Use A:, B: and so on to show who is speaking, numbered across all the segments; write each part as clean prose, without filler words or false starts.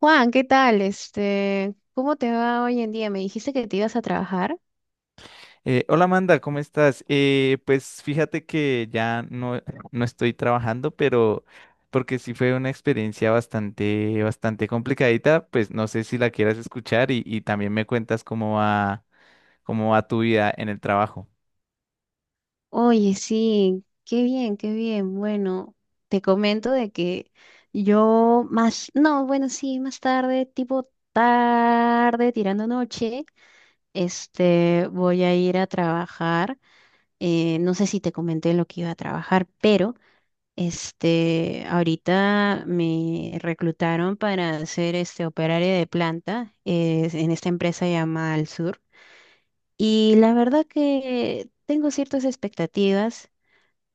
A: Juan, ¿qué tal? ¿Cómo te va hoy en día? Me dijiste que te ibas a trabajar.
B: Hola Amanda, ¿cómo estás? Pues fíjate que ya no, no estoy trabajando, pero porque sí fue una experiencia bastante, bastante complicadita. Pues no sé si la quieras escuchar y, también me cuentas cómo va tu vida en el trabajo.
A: Oye, sí, qué bien, qué bien. Bueno, te comento de que yo más, no, bueno, sí, más tarde, tipo tarde, tirando noche, voy a ir a trabajar. No sé si te comenté lo que iba a trabajar, pero ahorita me reclutaron para ser operaria de planta, en esta empresa llamada Al Sur. Y la verdad que tengo ciertas expectativas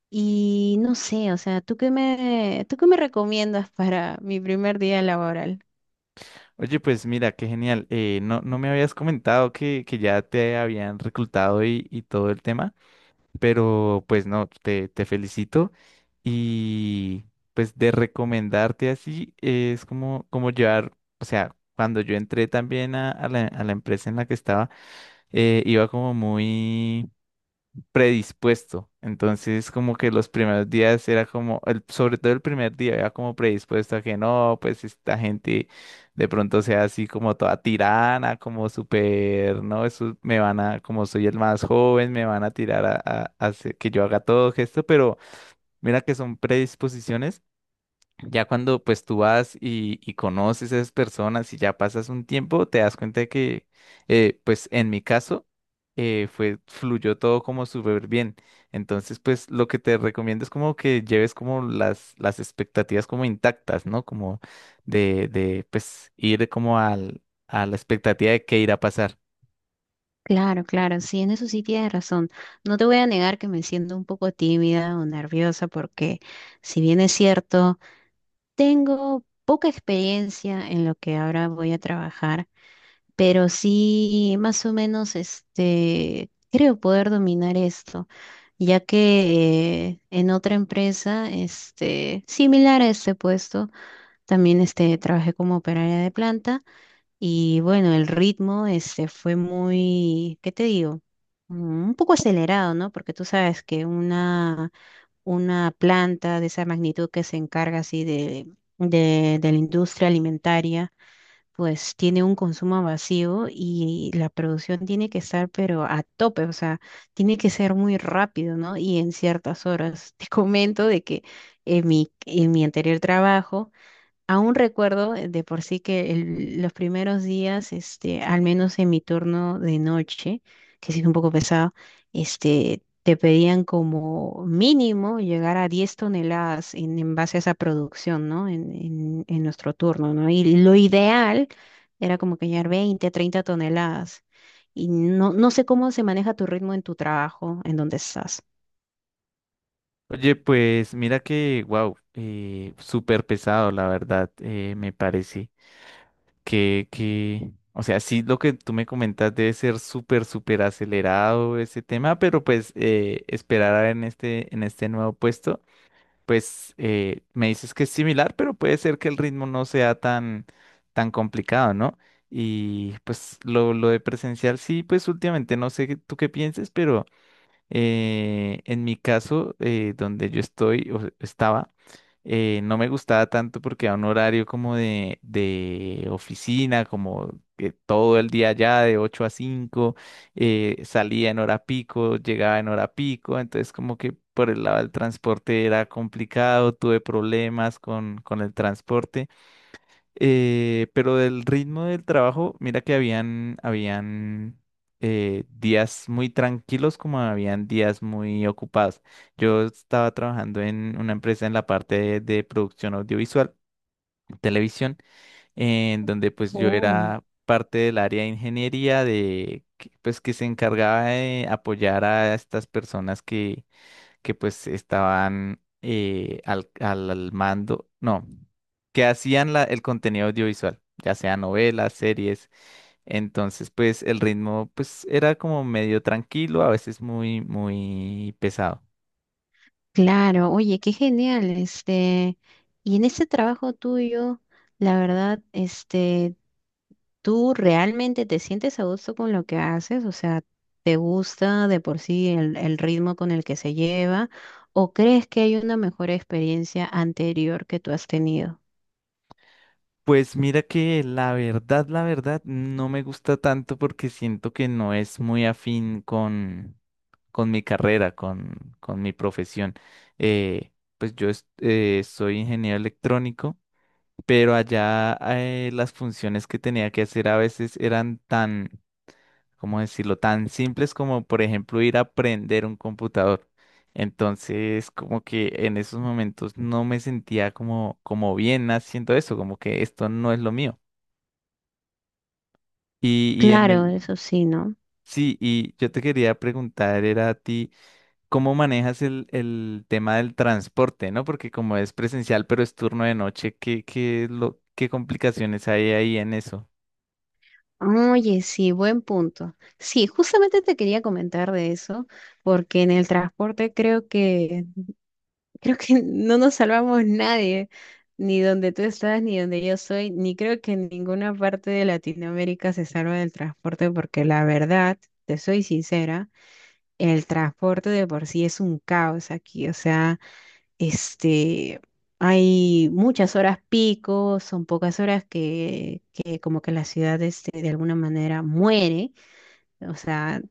A: y no sé, o sea, ¿tú qué me recomiendas para mi primer día laboral?
B: Oye, pues mira, qué genial. No, no me habías comentado que, ya te habían reclutado y, todo el tema, pero pues no, te felicito. Y pues de recomendarte así, es como, como llevar, o sea, cuando yo entré también a, a la empresa en la que estaba, iba como muy predispuesto. Entonces como que los primeros días era como, sobre todo el primer día, era como predispuesto a que no, pues esta gente de pronto sea así como toda tirana, como súper, no, eso me van a, como soy el más joven, me van a tirar a, a hacer que yo haga todo esto, pero mira que son predisposiciones ya cuando pues tú vas y, conoces a esas personas y ya pasas un tiempo, te das cuenta de que pues en mi caso fue, fluyó todo como súper bien. Entonces pues lo que te recomiendo es como que lleves como las expectativas como intactas, ¿no? Como de pues ir como al, a la expectativa de qué irá a pasar.
A: Claro, claro, sí, en eso sí tienes razón. No te voy a negar que me siento un poco tímida o nerviosa porque, si bien es cierto, tengo poca experiencia en lo que ahora voy a trabajar. Pero sí, más o menos, creo poder dominar esto, ya que en otra empresa, similar a este puesto, también trabajé como operaria de planta. Y bueno, el ritmo, fue muy, ¿qué te digo? Un poco acelerado, ¿no? Porque tú sabes que una planta de esa magnitud que se encarga así de la industria alimentaria, pues tiene un consumo vacío y la producción tiene que estar pero a tope, o sea, tiene que ser muy rápido, ¿no? Y en ciertas horas. Te comento de que en mi anterior trabajo, aún recuerdo, de por sí que los primeros días, al menos en mi turno de noche, que sí es un poco pesado, te pedían como mínimo llegar a 10 toneladas en base a esa producción, ¿no? En nuestro turno, ¿no? Y lo ideal era como que llegar 20, 30 toneladas. Y no, no sé cómo se maneja tu ritmo en tu trabajo, en donde estás.
B: Oye, pues mira que, wow, súper pesado la verdad, me parece. Que, o sea, sí, lo que tú me comentas debe ser súper, súper acelerado ese tema, pero pues esperar a en este nuevo puesto, pues me dices que es similar, pero puede ser que el ritmo no sea tan, tan complicado, ¿no? Y pues lo de presencial, sí, pues últimamente no sé tú qué pienses, pero... En mi caso, donde yo estoy o estaba, no me gustaba tanto porque era un horario como de oficina, como que todo el día allá de 8 a cinco. Salía en hora pico, llegaba en hora pico, entonces como que por el lado del transporte era complicado, tuve problemas con el transporte. Pero del ritmo del trabajo, mira que habían, habían días muy tranquilos como habían días muy ocupados. Yo estaba trabajando en una empresa en la parte de producción audiovisual, televisión, en donde pues yo era parte del área de ingeniería de que, pues que se encargaba de apoyar a estas personas que pues estaban, al, al mando. No que hacían el contenido audiovisual, ya sea novelas, series. Entonces, pues el ritmo pues era como medio tranquilo, a veces muy, muy pesado.
A: Claro, oye, qué genial, y en ese trabajo tuyo, la verdad, ¿tú realmente te sientes a gusto con lo que haces? O sea, ¿te gusta de por sí el ritmo con el que se lleva? ¿O crees que hay una mejor experiencia anterior que tú has tenido?
B: Pues mira que la verdad, no me gusta tanto porque siento que no es muy afín con mi carrera, con mi profesión. Eh, pues yo soy ingeniero electrónico, pero allá, las funciones que tenía que hacer a veces eran tan, ¿cómo decirlo? Tan simples como, por ejemplo, ir a aprender un computador. Entonces, como que en esos momentos no me sentía como, como bien haciendo eso, como que esto no es lo mío. Y en
A: Claro,
B: el,
A: eso sí, ¿no?
B: sí, y yo te quería preguntar, era a ti, ¿cómo manejas el tema del transporte, no? Porque como es presencial, pero es turno de noche, ¿qué, qué, es lo, qué complicaciones hay ahí en eso?
A: Oye, sí, buen punto. Sí, justamente te quería comentar de eso, porque en el transporte creo que no nos salvamos nadie, ni donde tú estás, ni donde yo soy, ni creo que en ninguna parte de Latinoamérica se salva del transporte, porque la verdad, te soy sincera, el transporte de por sí es un caos aquí, o sea, este, hay muchas horas pico, son pocas horas que como que la ciudad, de alguna manera muere, o sea,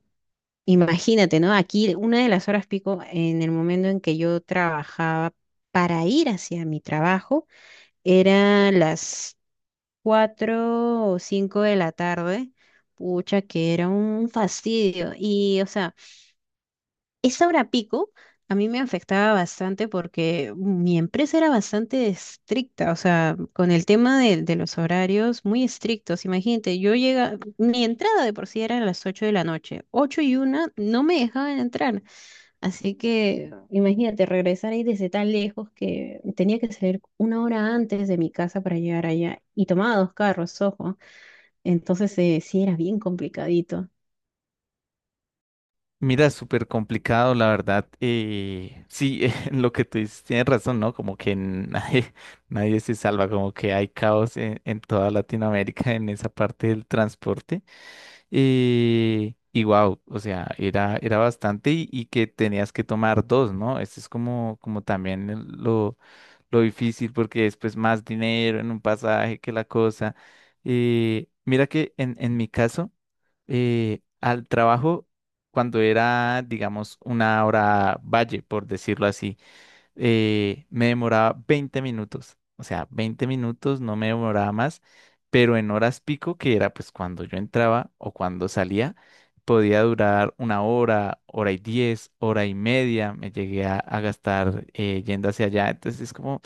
A: imagínate, ¿no? Aquí una de las horas pico en el momento en que yo trabajaba para ir hacia mi trabajo era las 4 o 5 de la tarde. Pucha, que era un fastidio. Y, o sea, esa hora pico a mí me afectaba bastante porque mi empresa era bastante estricta, o sea, con el tema de los horarios muy estrictos. Imagínate, mi entrada de por sí era a las 8 de la noche, 8:01 no me dejaban entrar. Así que imagínate regresar ahí desde tan lejos que tenía que salir 1 hora antes de mi casa para llegar allá y tomaba dos carros, ojo. Entonces, sí era bien complicadito.
B: Mira, súper complicado, la verdad. Sí, en lo que tú dices, tienes razón, ¿no? Como que nadie, nadie se salva, como que hay caos en toda Latinoamérica en esa parte del transporte. Y wow, o sea, era, era bastante y, que tenías que tomar dos, ¿no? Eso es como, como también lo difícil porque después más dinero en un pasaje que la cosa. Mira que en mi caso al trabajo cuando era, digamos, una hora valle, por decirlo así, me demoraba 20 minutos, o sea, 20 minutos no me demoraba más, pero en horas pico, que era pues cuando yo entraba o cuando salía, podía durar una hora, hora y 10, hora y media, me llegué a gastar, yendo hacia allá, entonces es como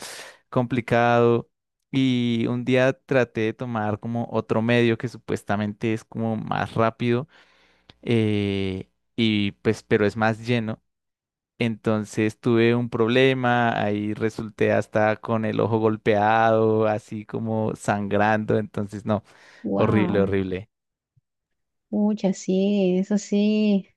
B: complicado. Y un día traté de tomar como otro medio que supuestamente es como más rápido, eh, y pues, pero es más lleno. Entonces tuve un problema, ahí resulté hasta con el ojo golpeado, así como sangrando, entonces no, horrible,
A: Wow,
B: horrible.
A: muchas sí, eso sí.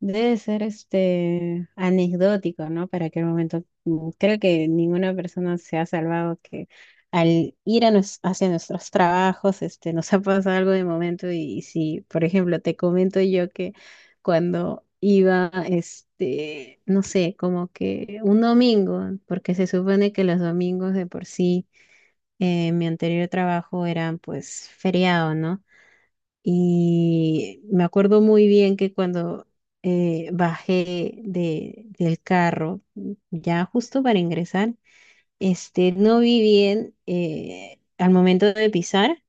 A: Debe ser anecdótico, ¿no? Para aquel momento. Creo que ninguna persona se ha salvado que al ir a hacia nuestros trabajos, nos ha pasado algo de momento. Y, si, por ejemplo, te comento yo que cuando iba, no sé, como que un domingo, porque se supone que los domingos de por sí, en mi anterior trabajo eran pues feriado, ¿no? Y me acuerdo muy bien que cuando, bajé del carro, ya justo para ingresar, no vi bien, al momento de pisar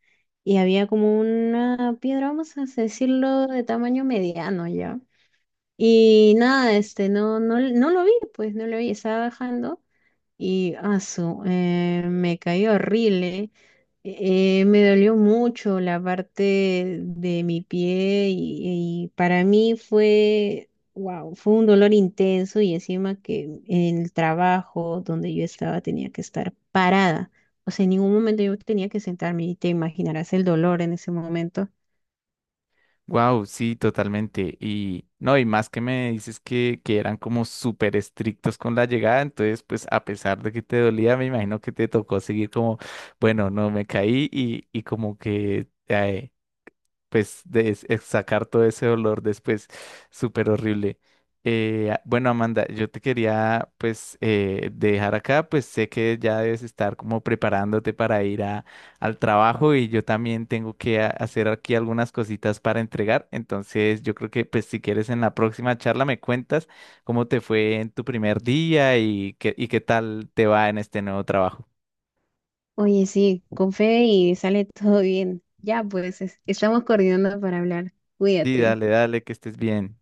A: y había como una piedra, vamos a decirlo, de tamaño mediano ya. Y nada, no, no, no lo vi, pues no lo vi, estaba bajando y asu, me caí horrible. Me dolió mucho la parte de mi pie y para mí fue, wow, fue un dolor intenso y encima que en el trabajo donde yo estaba tenía que estar parada. O sea, en ningún momento yo tenía que sentarme y te imaginarás el dolor en ese momento.
B: Wow, sí, totalmente. Y no, y más que me dices que eran como súper estrictos con la llegada, entonces pues a pesar de que te dolía, me imagino que te tocó seguir como, bueno, no me caí y como que... pues de es sacar todo ese olor después, súper horrible. Bueno, Amanda, yo te quería pues, dejar acá, pues sé que ya debes estar como preparándote para ir a, al trabajo y yo también tengo que hacer aquí algunas cositas para entregar, entonces yo creo que pues si quieres en la próxima charla me cuentas cómo te fue en tu primer día y qué tal te va en este nuevo trabajo.
A: Oye, sí, con fe y sale todo bien. Ya, pues estamos coordinando para hablar.
B: Sí,
A: Cuídate.
B: dale, dale, que estés bien.